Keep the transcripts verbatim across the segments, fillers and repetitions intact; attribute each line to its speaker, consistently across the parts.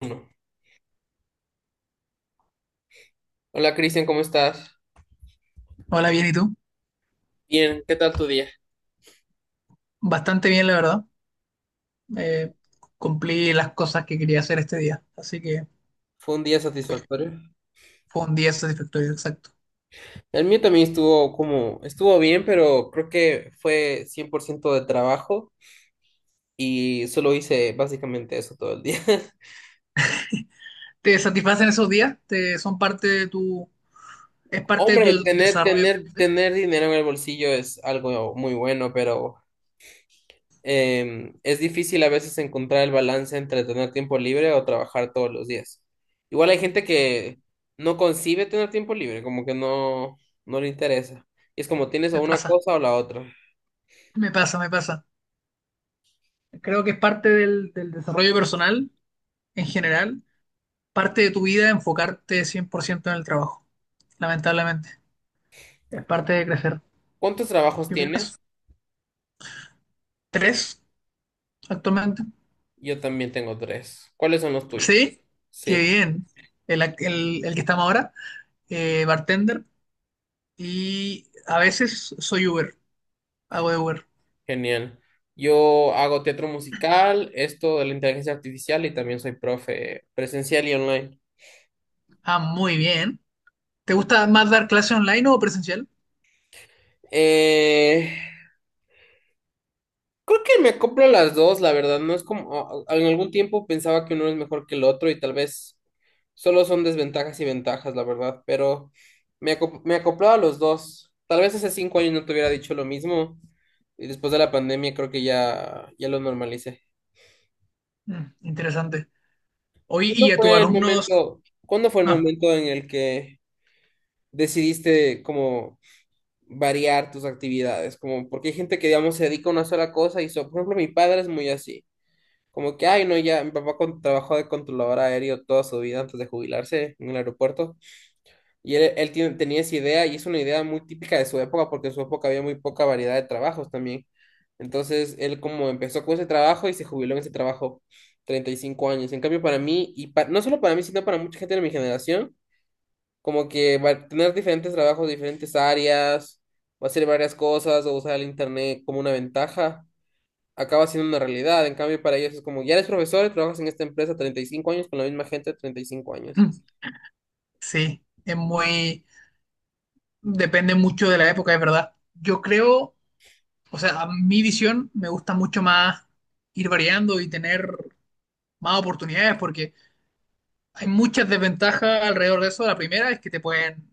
Speaker 1: Uno. Hola, Cristian, ¿cómo estás?
Speaker 2: Hola, bien, ¿y tú?
Speaker 1: Bien, ¿qué tal tu día?
Speaker 2: Bastante bien, la verdad. Eh, cumplí las cosas que quería hacer este día, así que
Speaker 1: ¿Fue un día
Speaker 2: pues,
Speaker 1: satisfactorio?
Speaker 2: fue un día satisfactorio, exacto.
Speaker 1: El mío también estuvo como, estuvo bien, pero creo que fue cien por ciento de trabajo y solo hice básicamente eso todo el día.
Speaker 2: ¿Te satisfacen esos días? ¿Te, ¿son parte de tu, es parte de tu
Speaker 1: Hombre, tener,
Speaker 2: desarrollo?
Speaker 1: tener, tener dinero en el bolsillo es algo muy bueno, pero em, es difícil a veces encontrar el balance entre tener tiempo libre o trabajar todos los días. Igual hay gente que no concibe tener tiempo libre, como que no, no le interesa. Es como tienes o
Speaker 2: Me
Speaker 1: una
Speaker 2: pasa,
Speaker 1: cosa o la otra.
Speaker 2: me pasa, me pasa. Creo que es parte del, del desarrollo personal en general, parte de tu vida enfocarte cien por ciento en el trabajo, lamentablemente. Es parte de crecer.
Speaker 1: ¿Cuántos trabajos
Speaker 2: ¿Qué
Speaker 1: tienes?
Speaker 2: opinas? ¿Tres actualmente?
Speaker 1: Yo también tengo tres. ¿Cuáles son los tuyos?
Speaker 2: ¿Sí? Qué
Speaker 1: Sí,
Speaker 2: bien. ¿El, el, el que estamos ahora? eh, bartender y a veces soy Uber, hago de Uber.
Speaker 1: genial. Yo hago teatro musical, esto de la inteligencia artificial y también soy profe presencial y online.
Speaker 2: Ah, muy bien. ¿Te gusta más dar clase online o presencial?
Speaker 1: Eh, Creo que me acoplo a las dos, la verdad. No es como, o- o- en algún tiempo pensaba que uno es mejor que el otro y tal vez solo son desventajas y ventajas, la verdad, pero me, acop- me acoplaba a los dos. Tal vez hace cinco años no te hubiera dicho lo mismo, y después de la pandemia creo que ya, ya lo normalicé.
Speaker 2: Mm, interesante. Hoy y
Speaker 1: ¿Cuándo
Speaker 2: a tus
Speaker 1: fue el
Speaker 2: alumnos.
Speaker 1: momento, cuándo fue el
Speaker 2: Ah,
Speaker 1: momento en el que decidiste como variar tus actividades? Como porque hay gente que, digamos, se dedica a una sola cosa y, so- por ejemplo, mi padre es muy así. Como que, ay, no, ya, mi papá con- trabajó de controlador aéreo toda su vida antes de jubilarse en el aeropuerto. Y él, él tiene- tenía esa idea, y es una idea muy típica de su época porque en su época había muy poca variedad de trabajos también. Entonces, él como empezó con ese trabajo y se jubiló en ese trabajo treinta y cinco años. En cambio, para mí, y pa- no solo para mí, sino para mucha gente de mi generación, como que va- a tener diferentes trabajos, diferentes áreas, va a hacer varias cosas o usar el internet como una ventaja acaba siendo una realidad. En cambio, para ellos es como, ya eres profesor y trabajas en esta empresa treinta y cinco años con la misma gente de treinta y cinco años.
Speaker 2: mm, sí, es muy. Depende mucho de la época, es verdad. Yo creo, o sea, a mi visión me gusta mucho más ir variando y tener más oportunidades porque hay muchas desventajas alrededor de eso. La primera es que te pueden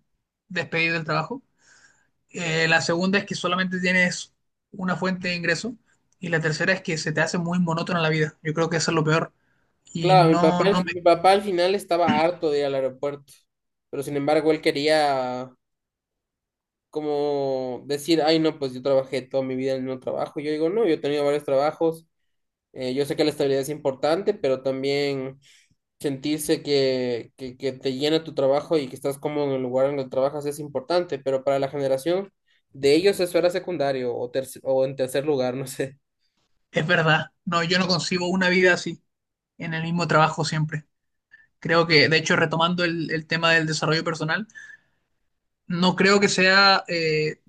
Speaker 2: despedir del trabajo. Eh, la segunda es que solamente tienes una fuente de ingreso. Y la tercera es que se te hace muy monótona la vida. Yo creo que eso es lo peor. Y
Speaker 1: Claro, mi papá,
Speaker 2: no, no me,
Speaker 1: mi papá al final estaba harto de ir al aeropuerto, pero sin embargo él quería como decir, ay no, pues yo trabajé toda mi vida en el mismo trabajo. Yo digo, no, yo he tenido varios trabajos. Eh, yo sé que la estabilidad es importante, pero también sentirse que, que, que te llena tu trabajo y que estás cómodo en el lugar en el que trabajas es importante, pero para la generación de ellos eso era secundario o, terc- o en tercer lugar, no sé.
Speaker 2: es verdad. No, yo no concibo una vida así, en el mismo trabajo siempre. Creo que, de hecho, retomando el, el tema del desarrollo personal, no creo que sea eh,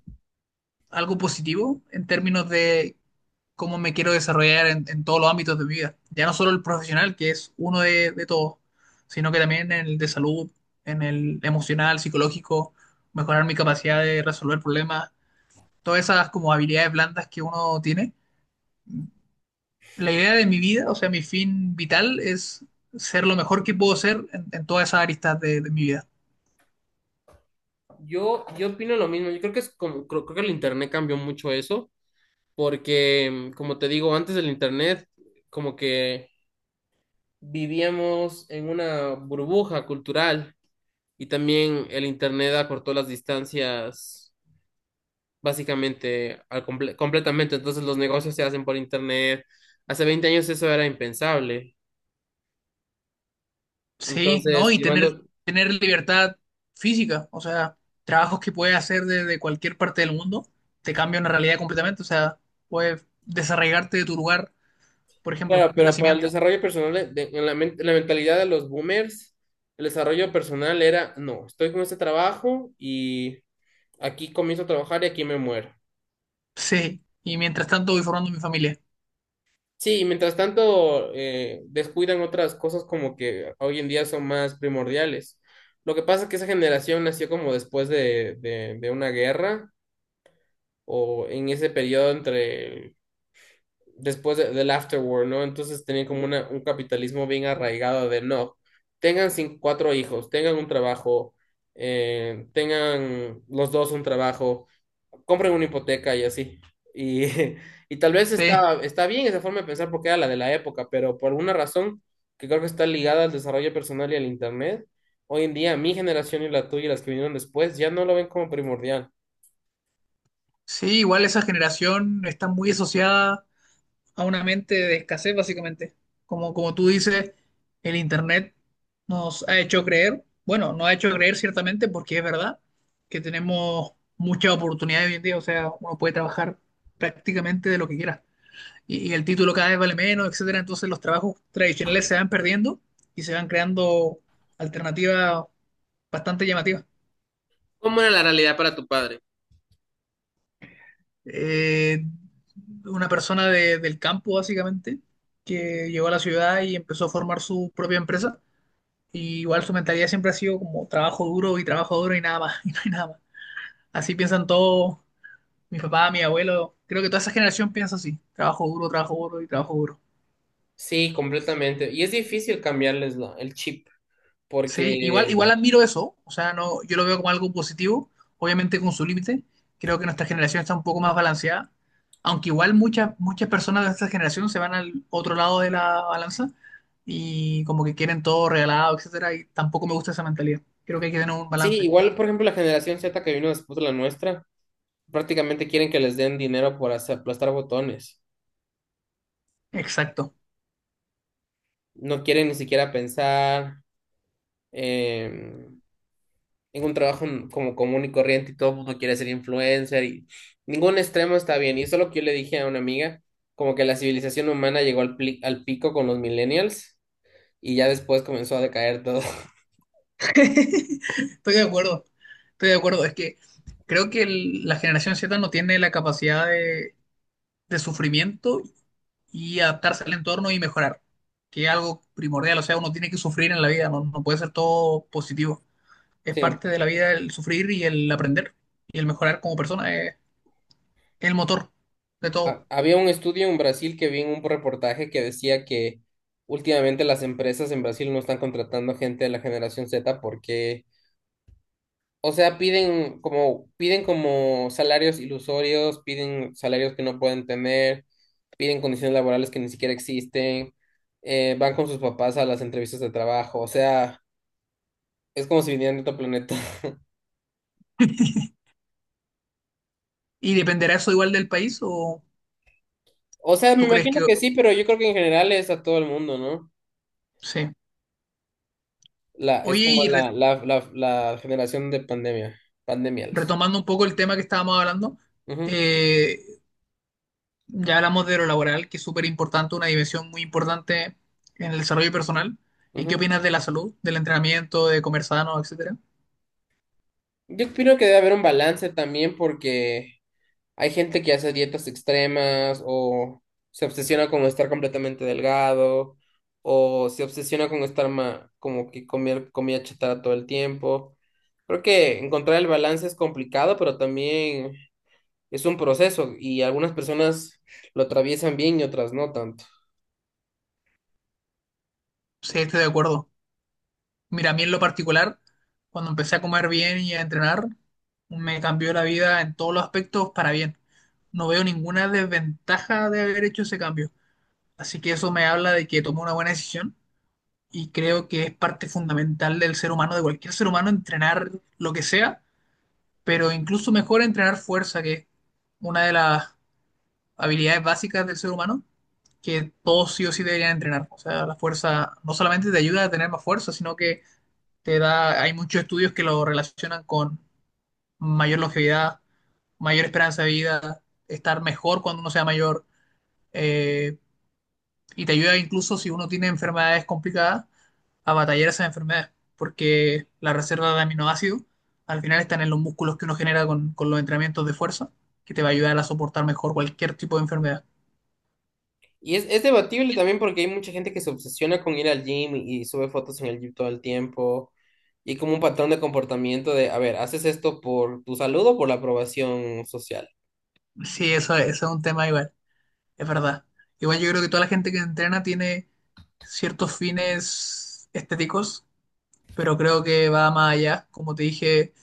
Speaker 2: algo positivo en términos de cómo me quiero desarrollar en, en todos los ámbitos de mi vida. Ya no solo el profesional, que es uno de, de todos, sino que también en el de salud, en el emocional, psicológico, mejorar mi capacidad de resolver problemas, todas esas como habilidades blandas que uno tiene. La idea de mi vida, o sea, mi fin vital es ser lo mejor que puedo ser en, en todas esas aristas de de mi vida.
Speaker 1: Yo, yo opino lo mismo. Yo creo que es como, creo, creo que el internet cambió mucho eso, porque mm, como te digo, antes del internet como que vivíamos en una burbuja cultural, y también el internet acortó las distancias básicamente al comple- completamente. Entonces los negocios se hacen por internet. Hace veinte años eso era impensable.
Speaker 2: Sí, ¿no?
Speaker 1: Entonces,
Speaker 2: Y tener,
Speaker 1: llevando,
Speaker 2: tener libertad física, o sea, trabajos que puedes hacer desde cualquier parte del mundo, te cambia una realidad completamente, o sea, puedes desarraigarte de tu lugar, por ejemplo,
Speaker 1: claro,
Speaker 2: de
Speaker 1: pero para el
Speaker 2: nacimiento.
Speaker 1: desarrollo personal, de- de- en la, men- en la mentalidad de los boomers, el desarrollo personal era, no, estoy con este trabajo y aquí comienzo a trabajar y aquí me muero.
Speaker 2: Sí, y mientras tanto voy formando mi familia.
Speaker 1: Sí, y mientras tanto eh, descuidan otras cosas como que hoy en día son más primordiales. Lo que pasa es que esa generación nació como después de, de de una guerra, o en ese periodo entre el- después de- del after war, ¿no? Entonces tenían como una- un capitalismo bien arraigado de no, tengan cinco cuatro hijos, tengan un trabajo, eh, tengan los dos un trabajo, compren una hipoteca y así. Y, y tal vez
Speaker 2: Sí,
Speaker 1: está, está bien esa forma de pensar porque era la de la época, pero por alguna razón que creo que está ligada al desarrollo personal y al internet, hoy en día mi generación y la tuya y las que vinieron después ya no lo ven como primordial.
Speaker 2: sí, igual esa generación está muy asociada a una mente de escasez, básicamente. Como, como tú dices, el Internet nos ha hecho creer, bueno, nos ha hecho creer ciertamente porque es verdad que tenemos muchas oportunidades hoy en día, o sea, uno puede trabajar prácticamente de lo que quiera. Y, y el título cada vez vale menos, etcétera. Entonces los trabajos tradicionales se van perdiendo y se van creando alternativas bastante llamativas.
Speaker 1: ¿Cómo era la realidad para tu padre?
Speaker 2: Eh, una persona de- del campo, básicamente, que llegó a la ciudad y empezó a formar su propia empresa. Y igual su mentalidad siempre ha sido como trabajo duro y trabajo duro y nada más, y no hay nada más. Así piensan todos, mi papá, mi abuelo, creo que toda esa generación piensa así, trabajo duro, trabajo duro y trabajo duro.
Speaker 1: Sí, completamente. Y es difícil cambiarles la- el chip,
Speaker 2: Sí, igual,
Speaker 1: porque
Speaker 2: igual admiro eso, o sea, no, yo lo veo como algo positivo, obviamente con su límite, creo que nuestra generación está un poco más balanceada, aunque igual muchas, muchas personas de esta generación se van al otro lado de la balanza y como que quieren todo regalado, etcétera, y tampoco me gusta esa mentalidad, creo que hay que tener un
Speaker 1: sí,
Speaker 2: balance.
Speaker 1: igual, por ejemplo, la generación Z que vino después de la nuestra, prácticamente quieren que les den dinero por hacer- aplastar botones.
Speaker 2: Exacto.
Speaker 1: No quieren ni siquiera pensar em, en un trabajo como común y corriente, y todo el mundo quiere ser influencer, y ningún extremo está bien. Y eso es lo que yo le dije a una amiga, como que la civilización humana llegó al, pli- al pico con los millennials, y ya después comenzó a decaer todo.
Speaker 2: Estoy de acuerdo, estoy de acuerdo. Es que creo que el- la generación Z no tiene la capacidad de, de sufrimiento y adaptarse al entorno y mejorar, que es algo primordial. O sea, uno tiene que sufrir en la vida, no, no puede ser todo positivo. Es
Speaker 1: Sí.
Speaker 2: parte de la vida el sufrir y el aprender y el mejorar como persona, es el motor de todo.
Speaker 1: Ha- Había un estudio en Brasil que vi en un reportaje que decía que últimamente las empresas en Brasil no están contratando gente de la generación Z porque, o sea, piden como, piden como salarios ilusorios, piden salarios que no pueden tener, piden condiciones laborales que ni siquiera existen, eh, van con sus papás a las entrevistas de trabajo, o sea, es como si vinieran de otro planeta.
Speaker 2: ¿Y dependerá eso igual del país o
Speaker 1: O sea, me
Speaker 2: tú crees
Speaker 1: imagino
Speaker 2: que
Speaker 1: que sí, pero yo creo que en general es a todo el mundo, ¿no?
Speaker 2: sí?
Speaker 1: La, es
Speaker 2: Oye,
Speaker 1: como
Speaker 2: y re-
Speaker 1: la, la, la, la generación de pandemia, pandemials.
Speaker 2: retomando un poco el tema que estábamos hablando,
Speaker 1: Ujú,
Speaker 2: eh, ya hablamos de lo laboral, que es súper importante, una dimensión muy importante en el desarrollo personal. ¿Y qué
Speaker 1: ujú.
Speaker 2: opinas de la salud, del entrenamiento, de comer sano, etcétera?
Speaker 1: Yo opino que debe haber un balance también porque hay gente que hace dietas extremas, o se obsesiona con estar completamente delgado, o se obsesiona con estar ma- como que comer comida chatarra todo el tiempo. Creo que encontrar el balance es complicado, pero también es un proceso y algunas personas lo atraviesan bien y otras no tanto.
Speaker 2: Sí, estoy de acuerdo. Mira, a mí en lo particular, cuando empecé a comer bien y a entrenar, me cambió la vida en todos los aspectos para bien. No veo ninguna desventaja de haber hecho ese cambio. Así que eso me habla de que tomé una buena decisión y creo que es parte fundamental del ser humano, de cualquier ser humano, entrenar lo que sea, pero incluso mejor entrenar fuerza, que es una de las habilidades básicas del ser humano, que todos sí o sí deberían entrenar. O sea, la fuerza no solamente te ayuda a tener más fuerza, sino que te da, hay muchos estudios que lo relacionan con mayor longevidad, mayor esperanza de vida, estar mejor cuando uno sea mayor, eh, y te ayuda incluso si uno tiene enfermedades complicadas a batallar esas enfermedades, porque la reserva de aminoácidos al final están en los músculos que uno genera con, con los entrenamientos de fuerza, que te va a ayudar a soportar mejor cualquier tipo de enfermedad.
Speaker 1: Y es, es debatible también porque hay mucha gente que se obsesiona con ir al gym y, y sube fotos en el gym todo el tiempo. Y como un patrón de comportamiento de, a ver, ¿haces esto por tu salud o por la aprobación social?
Speaker 2: Sí, eso, eso es un tema igual, es verdad. Igual yo creo que toda la gente que entrena tiene ciertos fines estéticos, pero creo que va más allá. Como te dije,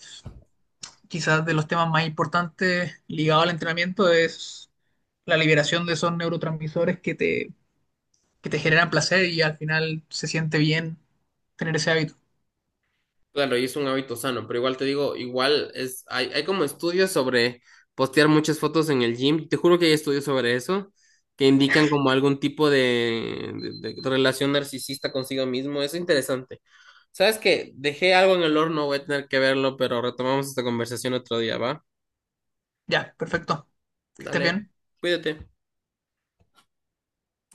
Speaker 2: quizás de los temas más importantes ligados al entrenamiento es la liberación de esos neurotransmisores que te que te generan placer y al final se siente bien tener ese hábito.
Speaker 1: Claro, y es un hábito sano, pero igual te digo, igual es, hay, hay como estudios sobre postear muchas fotos en el gym. Te juro que hay estudios sobre eso que indican como algún tipo de, de- de relación narcisista consigo mismo. Es interesante. ¿Sabes qué? Dejé algo en el horno, voy a tener que verlo, pero retomamos esta conversación otro día, ¿va?
Speaker 2: Ya, perfecto. Que estés
Speaker 1: Dale,
Speaker 2: bien.
Speaker 1: cuídate.